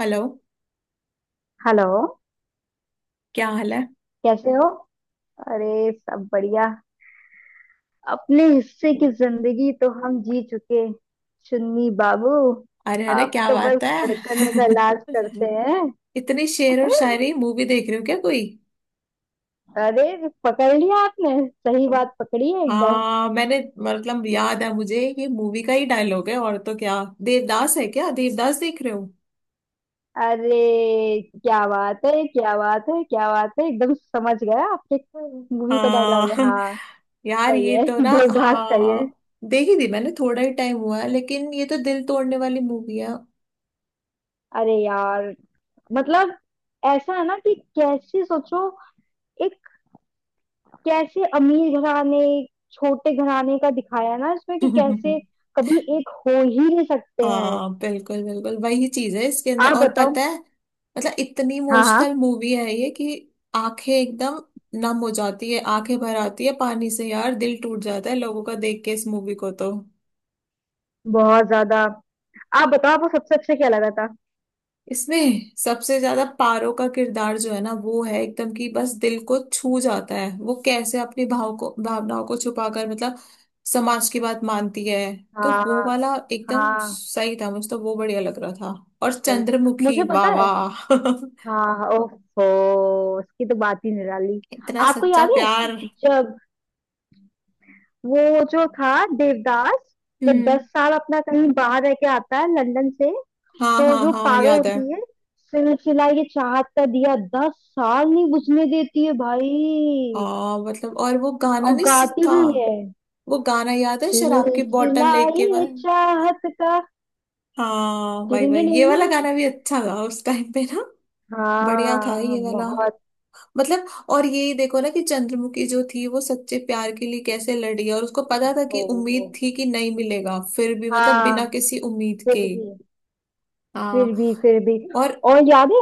Hello. Hello. क्या हाल है? कैसे हो? अरे सब बढ़िया। अपने हिस्से की जिंदगी तो हम जी चुके, चुन्नी बाबू। अरे अरे अब क्या तो बस बात है। धड़कनों का इलाज करते हैं। इतनी शेर और शायरी मूवी देख रहे हो क्या कोई? अरे पकड़ लिया आपने। सही बात पकड़ी है एकदम। हाँ मैंने। मतलब याद है मुझे, ये मूवी का ही डायलॉग है और तो क्या। देवदास है क्या? देवदास देख रहे हो? अरे क्या बात है, क्या बात है, क्या बात है, एकदम समझ गया आपके। मूवी का डायलॉग हाँ। है, हाँ। यार सही ये है। तो ना। देवदास का ये। हाँ। देखी थी मैंने, थोड़ा ही टाइम हुआ है, लेकिन ये तो दिल तोड़ने वाली मूवी है। अरे यार, मतलब ऐसा है ना कि कैसे सोचो। एक कैसे अमीर घराने, छोटे घराने का दिखाया है ना इसमें कि कैसे कभी एक हो ही नहीं सकते हैं। हाँ बिल्कुल बिल्कुल, वही चीज है इसके अंदर। आप और पता बताओ। है, मतलब इतनी हाँ हाँ, इमोशनल मूवी है ये कि आंखें एकदम नम हो जाती है, आंखें भर आती है पानी से, यार दिल टूट जाता है लोगों का देख के इस मूवी को तो। बहुत ज्यादा। आप बताओ, आपको सबसे अच्छा क्या लगा था? इसमें सबसे ज्यादा पारो का किरदार जो है ना वो है एकदम, कि बस दिल को छू जाता है, वो कैसे अपनी भाव को भावनाओं को छुपाकर मतलब समाज की बात मानती है। तो वो हाँ वाला एकदम हाँ। सही था, मुझे तो वो बढ़िया लग रहा था। और सही। चंद्रमुखी मुझे वाह पता है। वाह। हाँ, ओहो, उसकी तो बात ही निराली। इतना आपको सच्चा याद है प्यार। जब वो, जो था, देवदास, जब हम्म। 10 साल अपना कहीं बाहर रह के आता है लंदन से? हाँ तो हाँ जो हाँ पारो याद है। होती है, सिलसिला ये चाहत का दिया 10 साल नहीं बुझने देती है भाई। हाँ मतलब, और वो गाना और नहीं गाती था। भी है, वो गाना याद है, शराब की बोतल सिलसिला लेके ये वाला। चाहत का। हाँ भाई डिडिंग भाई, ये वाला डिडिंग। गाना भी अच्छा था उस टाइम पे ना। बढ़िया था हाँ ये वाला। बहुत। मतलब, और ये देखो ना कि चंद्रमुखी जो थी वो सच्चे प्यार के लिए कैसे लड़ी, और उसको पता था कि ओहो। उम्मीद थी कि नहीं मिलेगा, फिर भी मतलब बिना हाँ किसी उम्मीद फिर के। भी फिर हाँ। भी फिर भी। और। और याद है,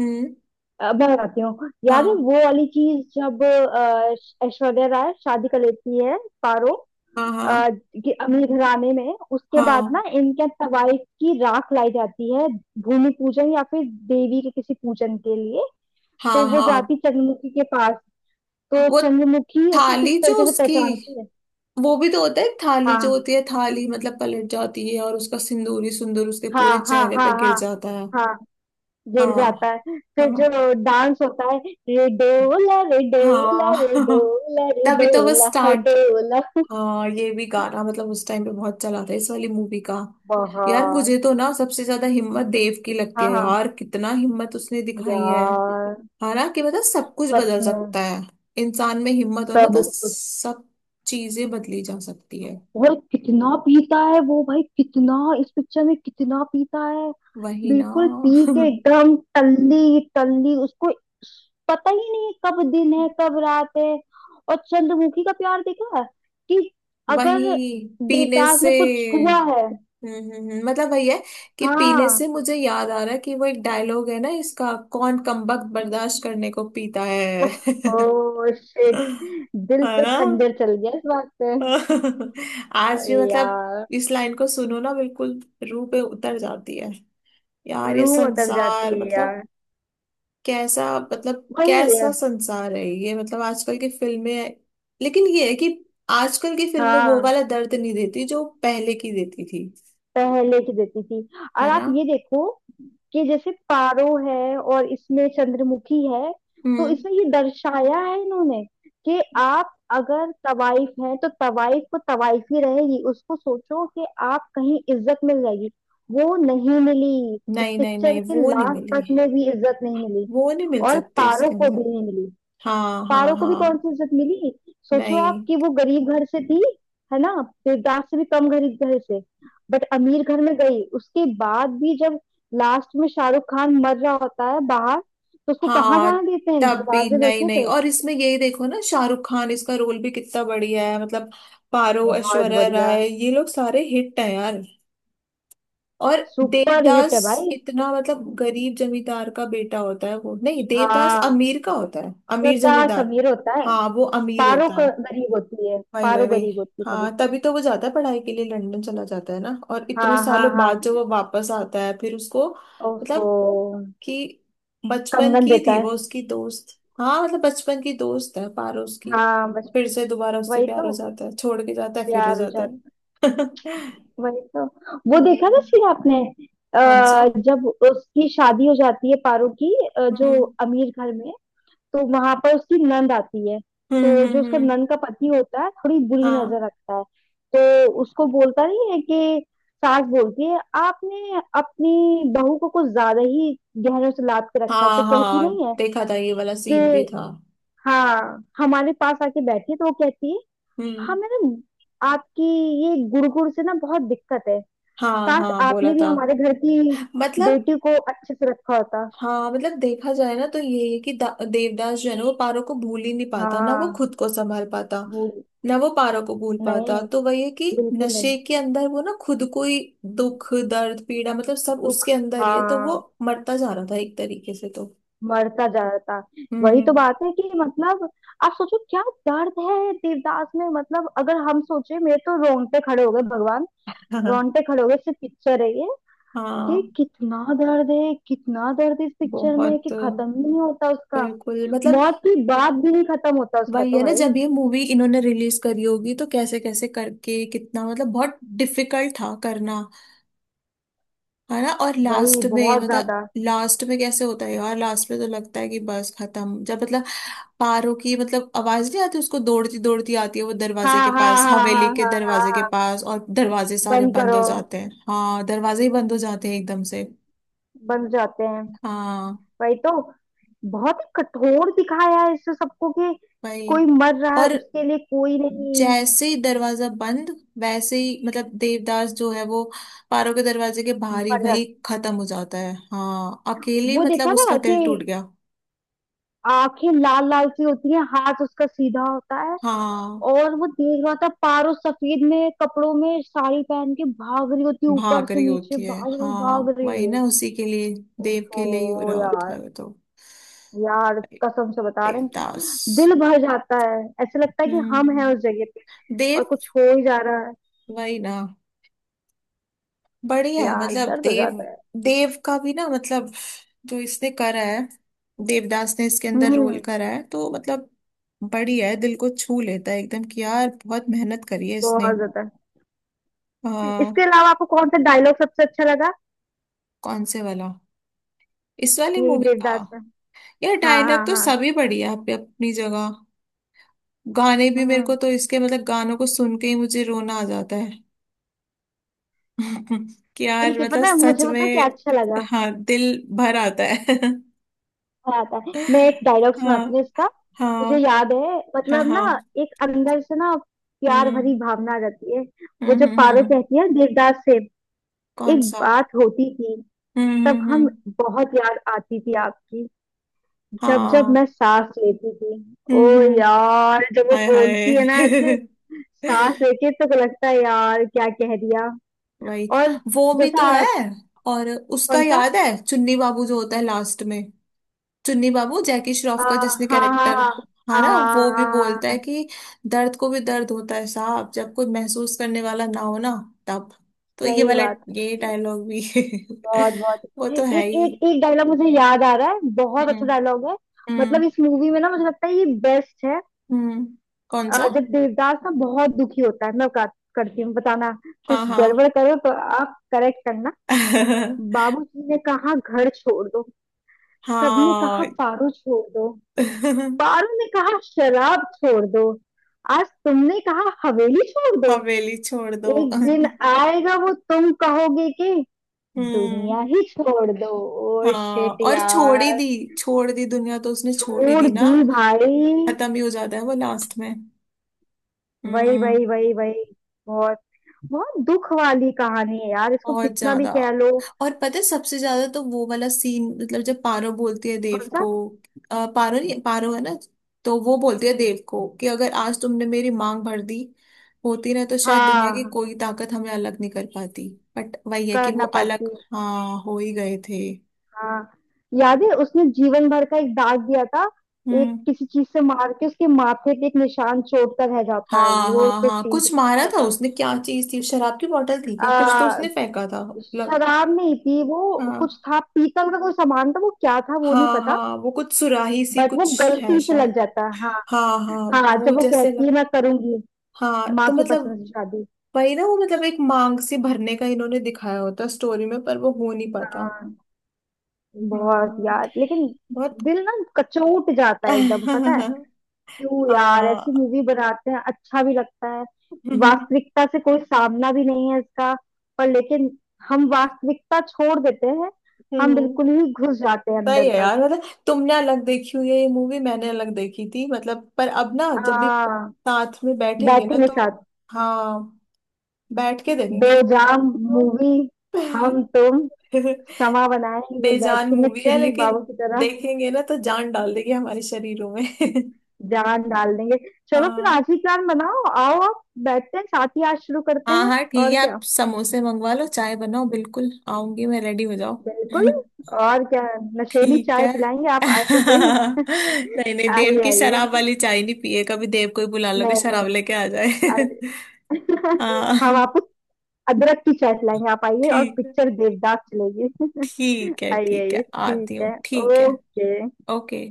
हम्म। मैं बताती हूँ। याद है हाँ वो वाली चीज जब ऐश्वर्या राय शादी कर लेती है, पारो, हाँ अ, हाँ कि अमीर घराने में? उसके बाद हाँ ना इनके यहाँ तवाइफ की राख लाई जाती है, भूमि पूजन या फिर देवी के किसी पूजन के लिए। हाँ तो वो हाँ। जाती चंद्रमुखी के पास। तो वो चंद्रमुखी उसको किस थाली जो तरीके से उसकी, पहचानती है। वो भी तो होता है, थाली जो हाँ होती है, थाली मतलब पलट जाती है और उसका सिंदूरी सुंदूर उसके हाँ पूरे हाँ चेहरे पे हाँ गिर हाँ जाता है। हाँ। हाँ गिर जाता है, फिर जो हाँ डांस होता है। रे डोला रे हाँ। डोला रे डोला रे तभी तो वो डोला हाय स्टार्ट। डोला। हाँ ये भी गाना, मतलब उस टाइम पे बहुत चला था इस वाली मूवी का। यार बहुत। मुझे तो ना सबसे ज्यादा हिम्मत देव की लगती हाँ है, हाँ यार कितना हिम्मत उसने दिखाई है। यार, हालांकि मतलब सब कुछ सच बदल में। सकता है, इंसान में हिम्मत हो ना सब तो कुछ। सब चीजें बदली जा सकती है। और कितना पीता है वो भाई, कितना! इस पिक्चर में कितना पीता है। वही ना। बिल्कुल पी के एकदम टल्ली टल्ली, उसको पता ही नहीं कब दिन है कब रात है। और चंद्रमुखी का प्यार देखा है कि अगर वही पीने देवदास से। ने कुछ छुआ है। मतलब वही है कि पीने हाँ। से मुझे याद आ रहा है कि वो एक डायलॉग है ना इसका, कौन कमबख्त बर्दाश्त करने को पीता है। ओह शिट, दिल है पे ना। खंजर चल गया इस बात पे। आज भी अरे मतलब यार, इस लाइन को सुनो ना, बिल्कुल रूह पे उतर जाती है। यार ये रूह उतर जाती संसार, है मतलब यार। कैसा, मतलब वही है। कैसा संसार है ये, मतलब आजकल की फिल्में। लेकिन ये है कि आजकल की फिल्में वो हाँ, वाला दर्द नहीं देती जो पहले की देती थी। पहले की देती थी। और है आप ना। ये देखो कि जैसे पारो है और इसमें चंद्रमुखी है। तो हम्म। इसमें ये दर्शाया है इन्होंने कि आप अगर तवाइफ हैं तो तवाइफ को तवाइफ ही रहेगी, उसको सोचो कि आप कहीं इज्जत मिल जाएगी। वो नहीं मिली, इस नहीं नहीं पिक्चर नहीं के वो नहीं लास्ट मिली। तक में भी इज्जत नहीं मिली। वो नहीं मिल और सकते पारो इसके को अंदर। भी नहीं मिली। हाँ हाँ पारो को भी कौन हाँ। सी इज्जत मिली? सोचो आप नहीं। कि वो गरीब घर से थी, है ना? देवदास से भी कम गरीब घर से। बट अमीर घर में गई उसके बाद भी जब लास्ट में शाहरुख खान मर रहा होता है बाहर, तो उसको कहाँ हाँ जाने देते हैं? तब भी दरवाजे नहीं देखे नहीं। थे। और इसमें यही देखो ना, शाहरुख खान इसका रोल भी कितना बढ़िया है मतलब। पारो, बहुत ऐश्वर्या बढ़िया। राय, ये लोग सारे हिट हैं यार। और सुपर हिट देवदास, है भाई। इतना मतलब गरीब जमींदार का बेटा होता है वो, नहीं देवदास हाँ, अमीर का होता है, अमीर देवदास जमींदार। अमीर होता है। हाँ वो अमीर पारो होता क- है। गरीब होती है, वही वही पारो वही। गरीब होती है थोड़ी हाँ सी। तभी तो वो जाता है पढ़ाई के लिए, लंदन चला जाता है ना, और इतने हाँ हाँ सालों हाँ। बाद जो वो वापस आता है फिर उसको ओहो, मतलब कि बचपन कंगन की देता थी है। वो उसकी दोस्त, हाँ मतलब बचपन की दोस्त है पारो उसकी, हाँ बस, फिर से दोबारा उससे वही प्यार हो तो, जाता है, छोड़ के जाता है फिर हो प्यार हो जाता जाता है। है। वही तो। वो देखा था हम्म। फिर आपने? कौन सा? जब उसकी शादी हो जाती है, पारो की, जो हम्म अमीर घर में, तो वहां पर उसकी नंद आती है। तो जो उसका हम्म। नंद का पति होता है, थोड़ी बुरी हाँ नजर रखता है। तो उसको बोलता नहीं है कि, सास बोलती है आपने अपनी बहू को कुछ ज्यादा ही गहनों से लाद के रखा है। हाँ तो कहती हाँ नहीं है देखा था, ये वाला कि सीन भी था। हाँ, हमारे पास आके बैठी है। तो वो कहती है, हाँ हम्म। मैडम आपकी ये गुड़ गुड़ से ना बहुत दिक्कत है। हाँ काश हाँ बोला आपने भी था। हमारे घर की मतलब, बेटी को अच्छे से रखा होता। हाँ मतलब देखा जाए ना तो यही है कि देवदास जो है ना वो पारो को भूल ही नहीं पाता ना, वो हाँ, खुद को संभाल पाता वो। ना, वो पारो को भूल पाता, नहीं, तो वही है कि बिल्कुल नहीं। नशे के अंदर वो ना खुद को ही, दुख दर्द पीड़ा मतलब सब दुख, उसके अंदर ही है, तो वो हाँ। मरता जा रहा था एक तरीके से तो। मरता जाता। वही तो हम्म। बात है कि, मतलब, आप सोचो क्या दर्द है देवदास में। मतलब अगर हम सोचे, मेरे तो रोंगटे खड़े हो गए भगवान! हाँ रोंगटे खड़े हो गए, सिर्फ पिक्चर है ये। कि हाँ। कितना दर्द है, कितना दर्द है इस पिक्चर में, कि बहुत, खत्म ही नहीं होता उसका। बिल्कुल मतलब। मौत की बात भी नहीं खत्म होता उसका, वही तो है ना, भाई। जब ये मूवी इन्होंने रिलीज करी होगी तो कैसे कैसे करके, कितना मतलब बहुत डिफिकल्ट था करना। है ना। और वही, लास्ट में बहुत मतलब, ज्यादा। लास्ट में कैसे होता है यार, लास्ट में तो लगता है कि बस खत्म, जब मतलब पारो की मतलब आवाज नहीं आती, उसको दौड़ती दौड़ती आती है वो हाँ दरवाजे के हाँ पास, हाँ हाँ हाँ हाँ हवेली के हाँ दरवाजे के हाँ, पास, और दरवाजे सारे बंद बंद करो। हो जाते हैं, हाँ दरवाजे ही बंद हो जाते हैं एकदम से। बंद जाते हैं। हाँ वही तो। बहुत ही कठोर दिखाया है इसमें सबको कि भाई। कोई मर रहा है और उसके लिए कोई नहीं। जैसे ही दरवाजा बंद वैसे ही मतलब देवदास जो है वो पारो के दरवाजे के बाहर ही मर रहा वहीं है। खत्म हो जाता है, हाँ अकेली, वो मतलब देखा उसका था कि दिल टूट गया। आंखें लाल लाल सी होती है, हाथ उसका सीधा होता है। हाँ और वो देख रहा था पारो सफेद में कपड़ों में साड़ी पहन के भाग रही होती है, ऊपर भाग से रही नीचे होती है, भाग हाँ रही वही है। ना उसी के लिए, देव के लिए ही हो ओहो रहा होता यार, है वो तो। यार कसम से बता रहे हैं, देवदास। दिल भर जाता है। ऐसे लगता है कि हम हैं हम्म। उस जगह पे, और देव। कुछ हो ही जा रहा है। वही ना। बढ़िया है यार मतलब दर्द हो देव। जाता है। देव का भी ना मतलब, जो इसने करा है, देवदास ने इसके अंदर रोल हम्म करा है तो मतलब बढ़िया है, दिल को छू लेता है एकदम कि यार बहुत मेहनत करी है इसने। बहुत ज्यादा। आ, इसके अलावा आपको कौन सा डायलॉग सबसे अच्छा लगा? कौन से वाला? इस वाली ये मूवी का? देवदास में। यार हाँ डायलॉग हाँ तो हाँ। सभी बढ़िया है अपनी अपनी जगह। गाने भी, मेरे को हम्म तो इसके मतलब गानों को सुन के ही मुझे रोना आ जाता है। कि यार एक ही मतलब, पता है, सच मुझे पता है क्या में। अच्छा लगा। हाँ दिल भर आता है। आता है, मैं एक डायलॉग सुनाती हूँ हाँ इसका। हाँ मुझे याद है, हाँ मतलब हाँ। ना, एक अंदर से ना प्यार हम्म भरी भावना आ जाती है। वो जब पारो हम्म। कहती है देवदास से, कौन एक सा? बात होती थी तब, हम हम्म। बहुत याद आती थी आपकी, जब जब मैं हाँ। सांस लेती थी। ओ हम्म। यार, जब वो हाय बोलती है ना ऐसे हाय। सांस लेके, तो लगता है यार क्या कह दिया। वही। और वो भी जैसा तो है। आप-। और उसका कौन सा? याद है, चुन्नी बाबू जो होता है लास्ट में, चुन्नी बाबू जैकी आ, श्रॉफ का जिसने हाँ हाँ हाँ कैरेक्टर हाँ हारा, हाँ वो भी हाँ बोलता हाँ, है कि दर्द को भी दर्द होता है साहब जब कोई महसूस करने वाला ना हो ना, तब, तो ये सही वाला, बात है, ये डायलॉग भी। बहुत बहुत। वो तो एक है ही। एक एक डायलॉग मुझे याद आ रहा है, बहुत हम्म अच्छा डायलॉग है। हम्म मतलब इस मूवी में ना मुझे लगता है ये बेस्ट है। हम्म। कौन सा? जब देवदास ना बहुत दुखी होता है, मैं बात करती हूँ, बताना हाँ कुछ हाँ। गड़बड़ करो तो, आप करेक्ट करना। बाबूजी ने कहा घर छोड़ दो, सबने कहा हाँ। पारो छोड़ दो, पारो ने कहा शराब छोड़ दो, आज तुमने कहा हवेली छोड़ दो, हवेली छोड़ दो। एक दिन आएगा वो तुम कहोगे कि हम्म। दुनिया ही छोड़ दो। ओ हाँ शिट और छोड़ ही यार। दी, छोड़ दी दुनिया तो उसने, छोड़ ही छोड़ दी ना, दी भाई। खत्म ही हो जाता है वो लास्ट में। वही वही हम्म। वही वही। बहुत। बहुत दुख वाली कहानी है यार, इसको बहुत कितना भी ज्यादा। कह लो। और पता है, सबसे ज्यादा तो वो वाला सीन, मतलब जब पारो बोलती है देव कौन सा? को, पारो नहीं, पारो है ना, तो वो बोलती है देव को कि अगर आज तुमने मेरी मांग भर दी होती ना तो शायद दुनिया की हाँ, कोई ताकत हमें अलग नहीं कर पाती। बट वही है कि कर वो ना अलग। पाती। हाँ हो ही गए थे। हाँ, याद है उसने जीवन भर का एक दाग दिया था? एक हम्म। किसी चीज से मार के उसके माथे पे एक निशान चोट का रह जाता है, हाँ वो हाँ तो हाँ सीन कुछ मारा कितना था अच्छा उसने, क्या चीज थी, शराब की बोतल थी था। क्या, कुछ तो उसने फेंका था मतलब। शराब नहीं थी वो, कुछ हाँ था पीतल का कोई सामान था। वो क्या था वो नहीं हाँ पता। हाँ वो कुछ सुराही सी बट वो कुछ है गलती से लग शायद। जाता है हाँ। हाँ हाँ। हाँ, वो जब वो जैसे कहती है लग- मैं करूंगी हाँ माँ तो की मतलब पसंद से शादी। वही ना, वो मतलब एक मांग सी भरने का इन्होंने दिखाया होता स्टोरी में पर वो हो नहीं पाता। हाँ, बहुत हम्म। यार लेकिन। बहुत। दिल ना कचोट जाता है एकदम, पता है? क्यों यार ऐसी हाँ। मूवी बनाते हैं, अच्छा भी लगता है। हम्म। वास्तविकता से कोई सामना भी नहीं है इसका, पर लेकिन हम वास्तविकता छोड़ देते हैं, हम बिल्कुल ही घुस जाते हैं अंदर सही है तक। यार, मतलब तुमने अलग देखी हुई है ये मूवी, मैंने अलग देखी थी मतलब, पर अब ना जब भी हाँ, साथ में बैठेंगे ना बैठेंगे तो। साथ। हाँ। बैठ के दो देखेंगे जाम, इसको। मूवी, हम तुम, समा बनाएंगे, बेजान बैठेंगे मूवी है, चुन्नी लेकिन बाबू की तरह। देखेंगे ना तो जान डाल देगी हमारे शरीरों में। जान डाल देंगे। चलो फिर हाँ आज ही प्लान बनाओ, आओ, आप बैठते हैं साथ ही, आज शुरू करते हाँ हैं। हाँ ठीक और है, आप क्या, समोसे मंगवा लो, चाय बनाओ, बिल्कुल आऊंगी मैं, रेडी हो जाओ। बिल्कुल। और क्या, नशेली ठीक चाय है। पिलाएंगे, आप आए तो सही। नहीं नहीं देव आइए की शराब आइए। वाली चाय नहीं पिए कभी, देव को ही बुला लो कि नहीं नहीं। शराब लेके आ जाए। अरे हम हाँ आपको अदरक की चाय पिलाएंगे, आप आइए और ठीक है, पिक्चर देवदास चलेगी। ठीक है, आइए ठीक आइए, है ठीक आती हूँ, है। ठीक है। ओके। ओके।